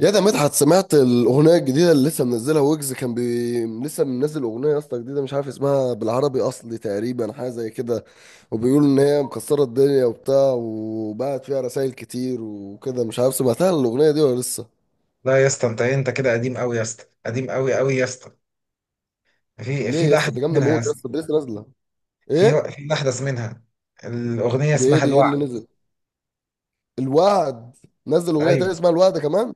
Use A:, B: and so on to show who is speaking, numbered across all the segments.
A: يا ده مدحت، سمعت الاغنيه الجديده اللي لسه منزلها ويجز؟ لسه منزل اغنيه يا اسطى جديده، مش عارف اسمها. بالعربي اصلي تقريبا حاجه زي كده، وبيقولوا ان هي مكسره الدنيا وبتاع، وبعت فيها رسائل كتير وكده. مش عارف سمعتها الاغنيه دي ولا لسه.
B: لا يا اسطى انت ايه، انت كده قديم قوي يا اسطى قديم قوي قوي يا اسطى. في
A: ليه
B: في
A: يا اسطى؟
B: الاحدث
A: دي جامده
B: منها يا
A: موت يا
B: اسطى.
A: اسطى، دي لسه نازله.
B: في
A: ايه؟
B: في الاحدث منها. الاغنيه
A: دي ايه
B: اسمها
A: دي ايه
B: الوعد.
A: اللي نزل؟ الوعد؟ نزل اغنيه
B: ايوه
A: تانية اسمها الوعد كمان؟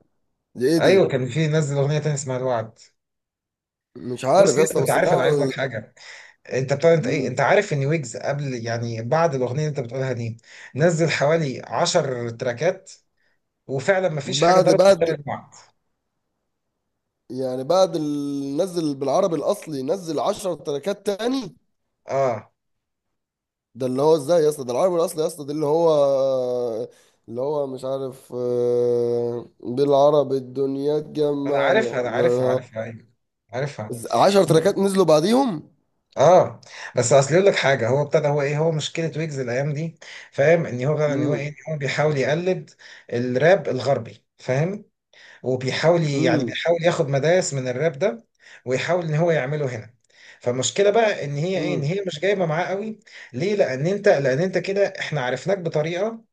A: دي ايه
B: ايوه،
A: دي؟
B: كان في نزل اغنيه تانية اسمها الوعد.
A: مش عارف
B: بص
A: يا
B: يا اسطى،
A: اسطى،
B: انت
A: بس
B: عارف انا
A: لا
B: عايز لك حاجه. انت بتاع انت ايه انت
A: مم.
B: عارف ان ويجز قبل يعني بعد الاغنيه اللي انت بتقولها دي نزل حوالي 10 تراكات، وفعلا ما فيش حاجه
A: بعد
B: ضربت
A: بعد
B: غير الوعد.
A: يعني نزل بالعربي الاصلي نزل 10 تراكات تاني؟
B: اه
A: ده اللي هو ازاي يا اسطى؟ ده العربي الاصلي يا اسطى، ده اللي هو مش عارف، بالعربي الدنيا
B: انا
A: تجمعنا.
B: عارفها، عارفها، ايوه عارفها
A: 10 تراكات نزلوا بعديهم؟
B: اه. بس اصل يقول لك حاجه، هو ابتدى هو ايه هو مشكله ويجز الايام دي فاهم، ان هو فعلا ان هو ايه
A: امم.
B: إن هو بيحاول يقلد الراب الغربي فاهم. وبيحاول يعني
A: امم.
B: بيحاول ياخد مدارس من الراب ده، ويحاول ان هو يعمله هنا. فالمشكله بقى ان هي
A: امم.
B: مش جايبه معاه قوي. ليه؟ لان انت لان انت كده احنا عرفناك بطريقه،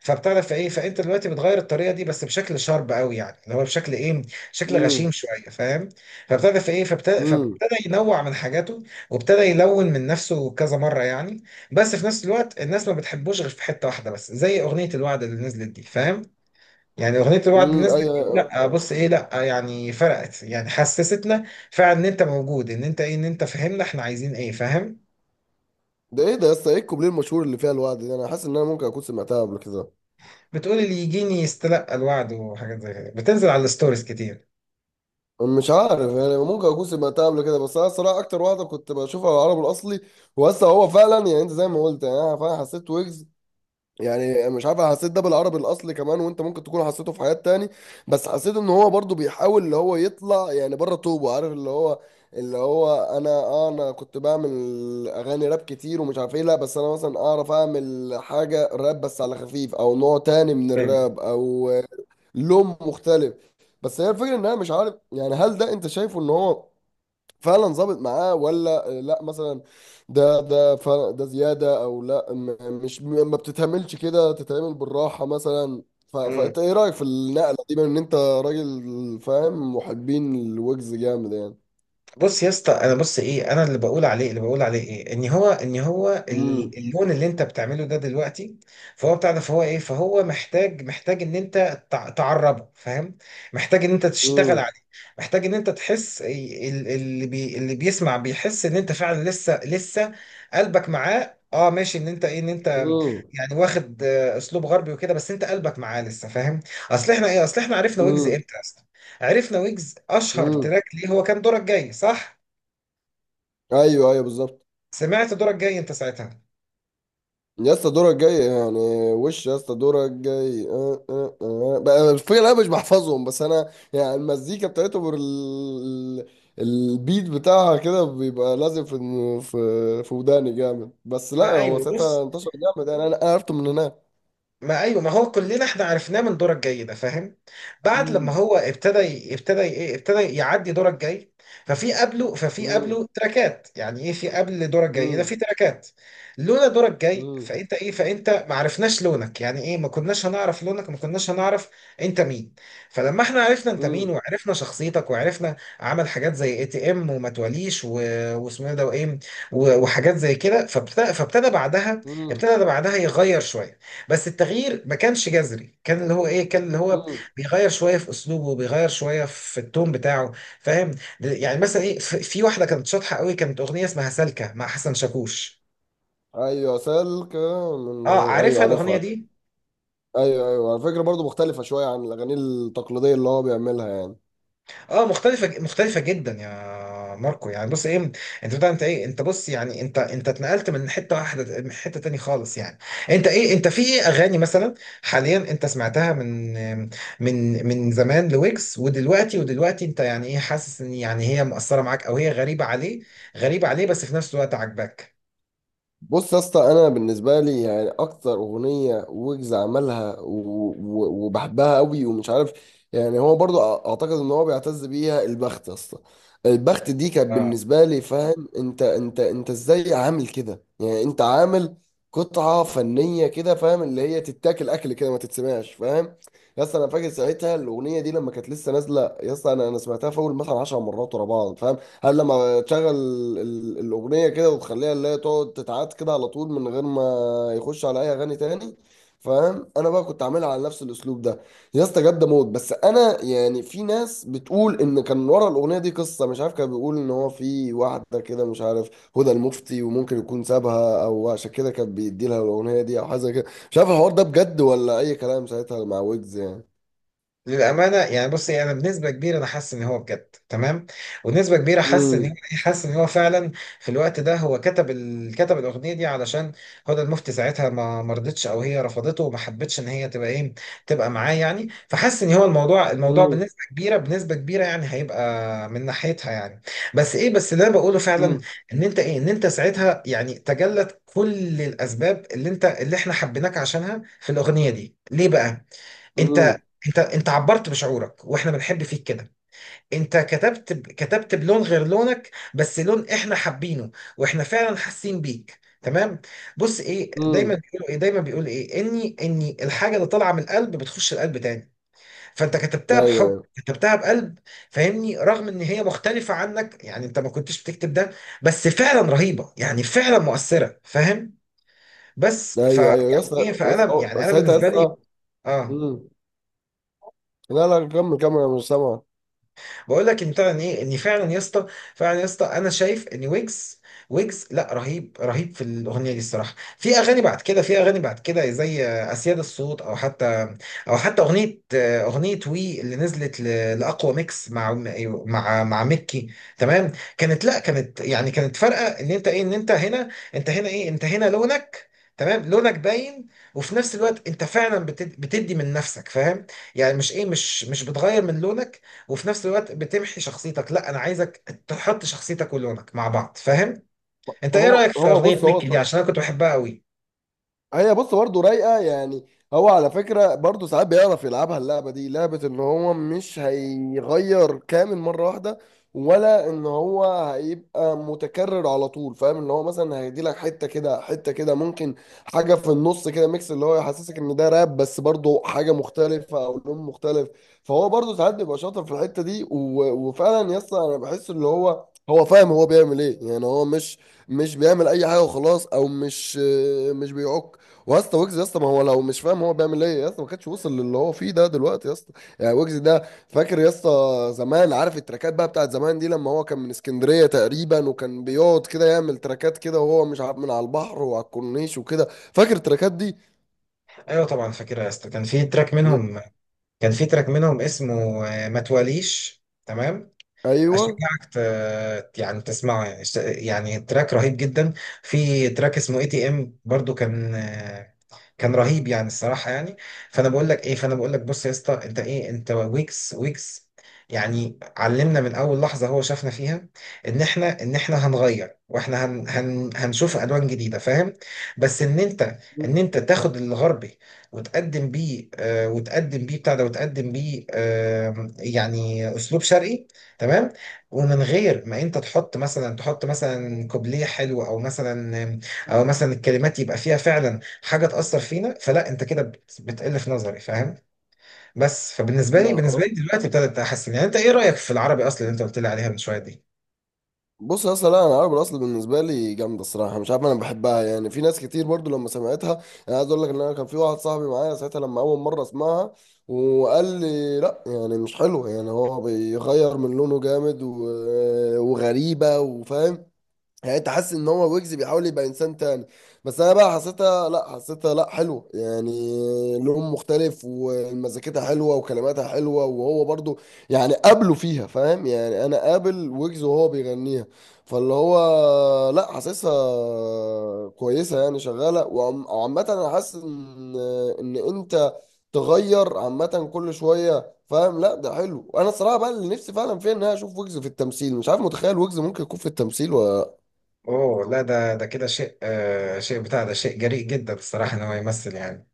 B: فبتعرف ايه، فانت دلوقتي بتغير الطريقه دي بس بشكل شارب قوي يعني، اللي هو بشكل ايه، شكل غشيم
A: امم.
B: شويه فاهم. فبتعرف ايه، فابتدى ينوع من حاجاته، وابتدى يلون من نفسه كذا مره يعني. بس في نفس الوقت الناس ما بتحبوش غير في حته واحده بس، زي اغنيه الوعد اللي نزلت دي فاهم. يعني اغنيه الوعد اللي
A: امم.
B: نزلت دي،
A: ايوه.
B: لا بص ايه، لا يعني فرقت، يعني حسستنا فعلا ان انت موجود، ان انت فاهمنا احنا عايزين ايه فاهم.
A: ده ايه ده يا اسطى؟ ايه الكوبليه المشهور اللي فيها الوعد ده؟ انا حاسس ان انا ممكن اكون سمعتها قبل كده.
B: بتقول اللي يجيني يستلقى الوعد، وحاجات زي كده بتنزل على الستوريز كتير.
A: مش عارف يعني، ممكن اكون سمعتها قبل كده، بس انا الصراحه اكتر واحده كنت بشوفها على العرب الاصلي. وهسه هو فعلا يعني انت زي ما قلت، يعني انا فعلا حسيت ويجز، يعني مش عارف، أنا حسيت ده بالعربي الاصلي كمان، وانت ممكن تكون حسيته في حاجات تاني. بس حسيت ان هو برضو بيحاول اللي هو يطلع يعني بره طوبه، عارف اللي هو اللي هو انا انا كنت بعمل اغاني راب كتير ومش عارف ايه. لا بس انا مثلا اعرف اعمل حاجه راب بس على خفيف، او نوع تاني من الراب، او لون مختلف. بس هي الفكره ان انا مش عارف يعني، هل ده انت شايفه ان هو فعلا ظابط معاه ولا لا مثلا؟ ده فعلا، ده زياده او لا، مش ما بتتعملش كده، تتعمل بالراحه مثلا،
B: ايوه.
A: فانت ايه رايك في النقله دي، بما ان انت راجل فاهم محبين الويجز جامد يعني.
B: بص يا اسطى انا، بص ايه، انا اللي بقول عليه ايه، ان هو
A: امم.
B: اللون اللي انت بتعمله ده دلوقتي، فهو بتاع ده، فهو محتاج، محتاج ان انت تعربه فاهم. محتاج ان انت تشتغل
A: امم.
B: عليه. محتاج ان انت تحس اللي اللي بيسمع بيحس ان انت فعلا لسه لسه قلبك معاه، اه ماشي، ان انت
A: امم.
B: يعني واخد اسلوب غربي وكده، بس انت قلبك معاه لسه فاهم. اصل احنا ايه، اصل احنا عرفنا ويجز امتى؟ عرفنا ويجز اشهر
A: امم.
B: تراك ليه هو كان دورك جاي صح،
A: ايوه ايوه، بالظبط.
B: سمعت دورك جاي انت ساعتها.
A: يا اسطى دورك جاي يعني. وش يا اسطى دورك جاي. أه أه أه. بقى الفكرة انا مش بحفظهم، بس انا يعني المزيكا بتاعتهم البيت بتاعها كده بيبقى لازم في. في وداني جامد. بس لا
B: ما
A: هو
B: ايوه بص،
A: ساعتها انتشر جامد يعني، انا عرفته من هناك.
B: ما ايوه، ما هو كلنا احنا عرفناه من دورة الجاي ده فاهم. بعد لما
A: امم.
B: هو ابتدى ي- ابتدى ي- ايه ابتدى يعدي دورة الجاي، ففي قبله ففي
A: مم.
B: قبله تراكات، يعني ايه، في قبل دورة الجاي ده
A: مم.
B: في تراكات. لولا دورة الجاي
A: مم.
B: فانت ما عرفناش لونك، يعني ايه، ما كناش هنعرف لونك، ما كناش هنعرف انت مين. فلما احنا عرفنا انت مين،
A: مم.
B: وعرفنا شخصيتك، وعرفنا عمل حاجات زي اي تي ام، وما تواليش، واسمه إيه ده، وايه، وحاجات زي كده، فابتدى بعدها،
A: مم.
B: ابتدى بعدها يغير شوية، بس التغيير ما كانش جذري، كان اللي هو ايه كان اللي هو
A: مم.
B: بيغير شويه في اسلوبه، بيغير شويه في التون بتاعه فاهم. يعني مثلا ايه، في واحده كانت شاطحه قوي، كانت اغنيه اسمها سالكه مع حسن شاكوش.
A: ايوه،
B: اه
A: ايوه
B: عارفها الاغنيه
A: عارفها.
B: دي.
A: ايوه ايوه، على فكره برضو مختلفه شويه عن الاغاني التقليديه اللي هو بيعملها يعني.
B: اه مختلفة جدا يا ماركو، يعني بص ايه، انت بتاع انت ايه انت بص يعني انت اتنقلت من حتة واحدة من حتة تاني خالص يعني. انت في ايه اغاني مثلا حاليا انت سمعتها من من زمان لويجز، ودلوقتي، انت يعني ايه، حاسس ان يعني هي مؤثرة معاك او هي غريبة عليه، غريبة عليه بس في نفس الوقت عاجباك؟
A: بص يا اسطى، انا بالنسبه لي يعني اكتر اغنيه ويجز عملها و- و- وبحبها قوي ومش عارف، يعني هو برضو اعتقد ان هو بيعتز بيها، البخت يا اسطى. البخت دي كانت بالنسبه لي، فاهم؟ انت ازاي عامل كده؟ يعني انت عامل قطعه فنيه كده، فاهم؟ اللي هي تتاكل اكل كده، ما تتسمعش، فاهم؟ يا اسطى انا فاكر ساعتها الاغنيه دي لما كانت لسه نازله، يا اسطى انا سمعتها في اول مثلا 10 مرات ورا بعض، فاهم؟ هل لما تشغل الأغنية كده وتخليها اللي هي تقعد تتعاد كده على طول من غير ما يخش على أي أغاني تاني، فاهم؟ أنا بقى كنت عاملها على نفس الأسلوب ده. يا اسطى جد موت. بس أنا يعني في ناس بتقول إن كان ورا الأغنية دي قصة، مش عارف، كان بيقول إن هو في واحدة كده مش عارف، هدى المفتي، وممكن يكون سابها أو عشان كده كان بيدي لها الأغنية دي أو حاجة زي كده. مش عارف الحوار ده بجد ولا أي كلام ساعتها مع ويجز يعني.
B: للأمانة يعني بصي، أنا بنسبة كبيرة أنا حاسس إن هو بجد تمام، ونسبة كبيرة حاسس إن هو،
A: امم.
B: حاسس إن هو فعلا في الوقت ده هو كتب الأغنية دي علشان هدى المفتي، ساعتها ما رضتش، أو هي رفضته وما حبتش إن هي تبقى إيه، تبقى معاه يعني. فحاسس إن هو الموضوع،
A: امم.
B: بنسبة كبيرة، بنسبة كبيرة يعني هيبقى من ناحيتها يعني. بس إيه، بس اللي أنا بقوله فعلا إن أنت ساعتها يعني تجلت كل الأسباب اللي إحنا حبيناك عشانها في الأغنية دي ليه بقى؟ انت،
A: امم.
B: انت عبرت بشعورك واحنا بنحب فيك كده. انت كتبت بلون غير لونك، بس لون احنا حابينه، واحنا فعلا حاسين بيك تمام. بص ايه،
A: امم.
B: دايما بيقول ايه، اني الحاجه اللي طالعه من القلب بتخش القلب تاني. فانت كتبتها
A: ايوه.
B: بحب،
A: ايوه.
B: كتبتها بقلب فاهمني، رغم ان هي مختلفه عنك، يعني انت ما كنتش بتكتب ده، بس فعلا رهيبه، يعني فعلا مؤثره فاهم. بس ف
A: ايوه ايوه، يا
B: يعني ايه،
A: اسطى يا اسطى
B: فانا يعني انا
A: ساعتها يا
B: بالنسبه لي،
A: اسطى.
B: اه،
A: مم. لا لا، كمل كمل، انا مش سامع.
B: بقول لك ان فعلا يا اسطى، فعلا يا اسطى انا شايف ان ويجز، لا رهيب رهيب في الاغنيه دي الصراحه. في اغاني بعد كده، زي اسياد الصوت، او حتى، اغنيه، وي اللي نزلت، لاقوى ميكس مع، مع ميكي تمام. كانت لا، كانت يعني كانت فارقه ان انت هنا، انت هنا ايه انت هنا لونك، تمام لونك باين. وفي نفس الوقت انت فعلا بتدي من نفسك فاهم. يعني مش ايه مش مش بتغير من لونك وفي نفس الوقت بتمحي شخصيتك. لا انا عايزك تحط شخصيتك ولونك مع بعض فاهم. انت ايه
A: هو
B: رايك في
A: هو
B: اغنيه
A: بص
B: ميكي دي؟
A: هو،
B: عشان انا كنت بحبها قوي.
A: هي بص، برضه رايقه يعني. هو على فكره برضه ساعات بيعرف يلعبها اللعبه دي، لعبه ان هو مش هيغير كامل مره واحده، ولا ان هو هيبقى متكرر على طول، فاهم؟ ان هو مثلا هيدي لك حته كده حته كده، ممكن حاجه في النص كده ميكس اللي هو يحسسك ان ده راب بس برضه حاجه مختلفه، او لون مختلف. فهو برضه ساعات بيبقى شاطر في الحته دي وفعلا يا اسطى انا بحس اللي هو هو فاهم هو بيعمل ايه، يعني هو مش بيعمل اي حاجه وخلاص، او مش مش بيعك واسطى ويجز يا اسطى، ما هو لو مش فاهم هو بيعمل ايه يا اسطى، ما كانش وصل للي هو فيه ده دلوقتي يا اسطى. يعني ويجز ده فاكر يا اسطى زمان، عارف التراكات بقى بتاعت زمان دي، لما هو كان من اسكندريه تقريبا، وكان بيقعد كده يعمل تراكات كده وهو مش عارف من على البحر وعلى الكورنيش وكده، فاكر التراكات دي؟
B: ايوه طبعا فاكرها يا اسطى. كان في تراك
A: يا-
B: منهم، اسمه ما تواليش، تمام.
A: ايوه.
B: اشجعك يعني تسمعه يعني، يعني تراك رهيب جدا. في تراك اسمه اي تي ام برضو كان كان رهيب يعني الصراحه يعني. فانا بقول لك ايه، فانا بقول لك بص يا اسطى، انت ايه، انت ويجز، ويجز يعني علمنا من اول لحظه هو شافنا فيها ان احنا، هنغير، واحنا هن هن هنشوف الوان جديده فاهم. بس ان انت، تاخد الغربي وتقدم بيه، آه يعني اسلوب شرقي، تمام. ومن غير ما انت تحط مثلا، كوبليه حلو، او مثلا، الكلمات يبقى فيها فعلا حاجه تاثر فينا، فلا انت كده بتقل في نظري فاهم. بس فبالنسبه
A: ما
B: لي، بالنسبه لي دلوقتي ابتدت احسن. يعني انت ايه رايك في العربي اصلا اللي انت قلت لي عليها من شويه دي؟
A: بص يا اسطى، لا انا عربي الاصل بالنسبه لي جامده الصراحه، مش عارف انا بحبها يعني، في ناس كتير برضو لما سمعتها. انا عايز اقول لك ان انا كان في واحد صاحبي معايا ساعتها لما اول مره اسمعها، وقال لي لا، يعني مش حلوه، يعني هو بيغير من لونه جامد وغريبه، وفاهم يعني، انت حاسس ان هو ويجز بيحاول يبقى انسان تاني. بس انا بقى حسيتها لا، حسيتها لا حلو يعني، لون مختلف ومزيكتها حلوه وكلماتها حلوه، وهو برضو يعني قابله فيها، فاهم؟ يعني انا قابل ويجز وهو بيغنيها. فاللي هو لا، حاسسها كويسه يعني، شغاله وعامه انا حاسس ان ان انت تغير عامه كل شويه، فاهم؟ لا ده حلو. انا الصراحه بقى اللي نفسي فعلا فيها ان انا اشوف ويجز في التمثيل، مش عارف، متخيل ويجز ممكن يكون في التمثيل ولا؟
B: اوه لا، ده كده شيء، آه شيء بتاع ده شيء جريء جدا الصراحه ان هو يمثل يعني.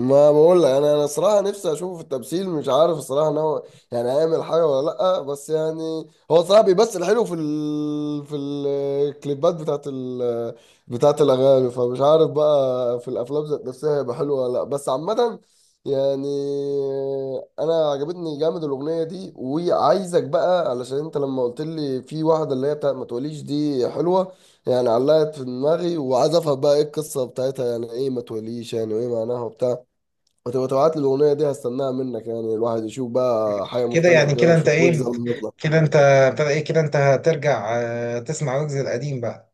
A: ما بقول لك، انا صراحه نفسي اشوفه في التمثيل، مش عارف الصراحه ان هو يعني هيعمل حاجه ولا لا. بس يعني هو صراحه بيمثل حلو في في الكليبات بتاعت بتاعت الاغاني، فمش عارف بقى في الافلام ذات نفسها هيبقى حلو ولا لا. بس عامه يعني، انا عجبتني جامد الاغنيه دي، وعايزك بقى علشان انت لما قلت لي في واحده اللي هي بتاعت ما تقوليش دي حلوه، يعني علقت في دماغي وعايز افهم بقى ايه القصه بتاعتها، يعني ايه ما توليش يعني وايه معناها وبتاع. وتبقى تبعت لي الاغنيه دي هستناها منك يعني. الواحد يشوف بقى حاجه
B: كده
A: مختلفه
B: يعني،
A: كده ويشوف ويجز لما يطلع.
B: كده انت ابتدى ايه، كده انت هترجع تسمع ويجز القديم بقى.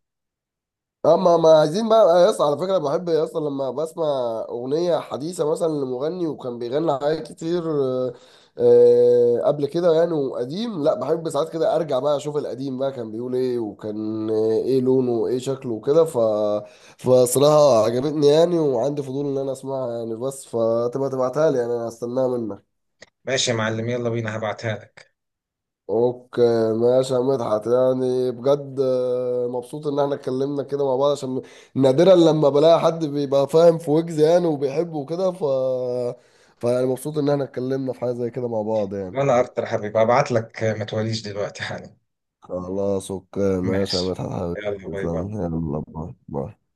A: اما ما عايزين بقى يا اسطى، على فكره بحب يا اسطى لما بسمع اغنيه حديثه مثلا لمغني وكان بيغني حاجات كتير قبل كده يعني، وقديم لا، بحب ساعات كده ارجع بقى اشوف القديم بقى كان بيقول ايه وكان ايه لونه وايه شكله وكده، فصراحه عجبتني يعني، وعندي فضول ان انا اسمعها يعني. بس فتبقى تبعتها لي يعني، انا هستناها منك.
B: ماشي يا معلم، يلا بينا هبعتها لك.
A: اوكي ماشي يا مدحت، يعني بجد مبسوط ان احنا اتكلمنا كده مع بعض، عشان نادرا لما بلاقي حد بيبقى فاهم في ويجز يعني وبيحبه وكده، فيعني مبسوط ان احنا اتكلمنا في حاجة زي كده مع بعض يعني.
B: وانا اكتر يا حبيبي، هبعت لك ما توليش دلوقتي حالا.
A: خلاص اوكي ماشي يا
B: ماشي
A: مدحت حبيبي.
B: يلا باي باي.
A: تسلم، يلا باي باي.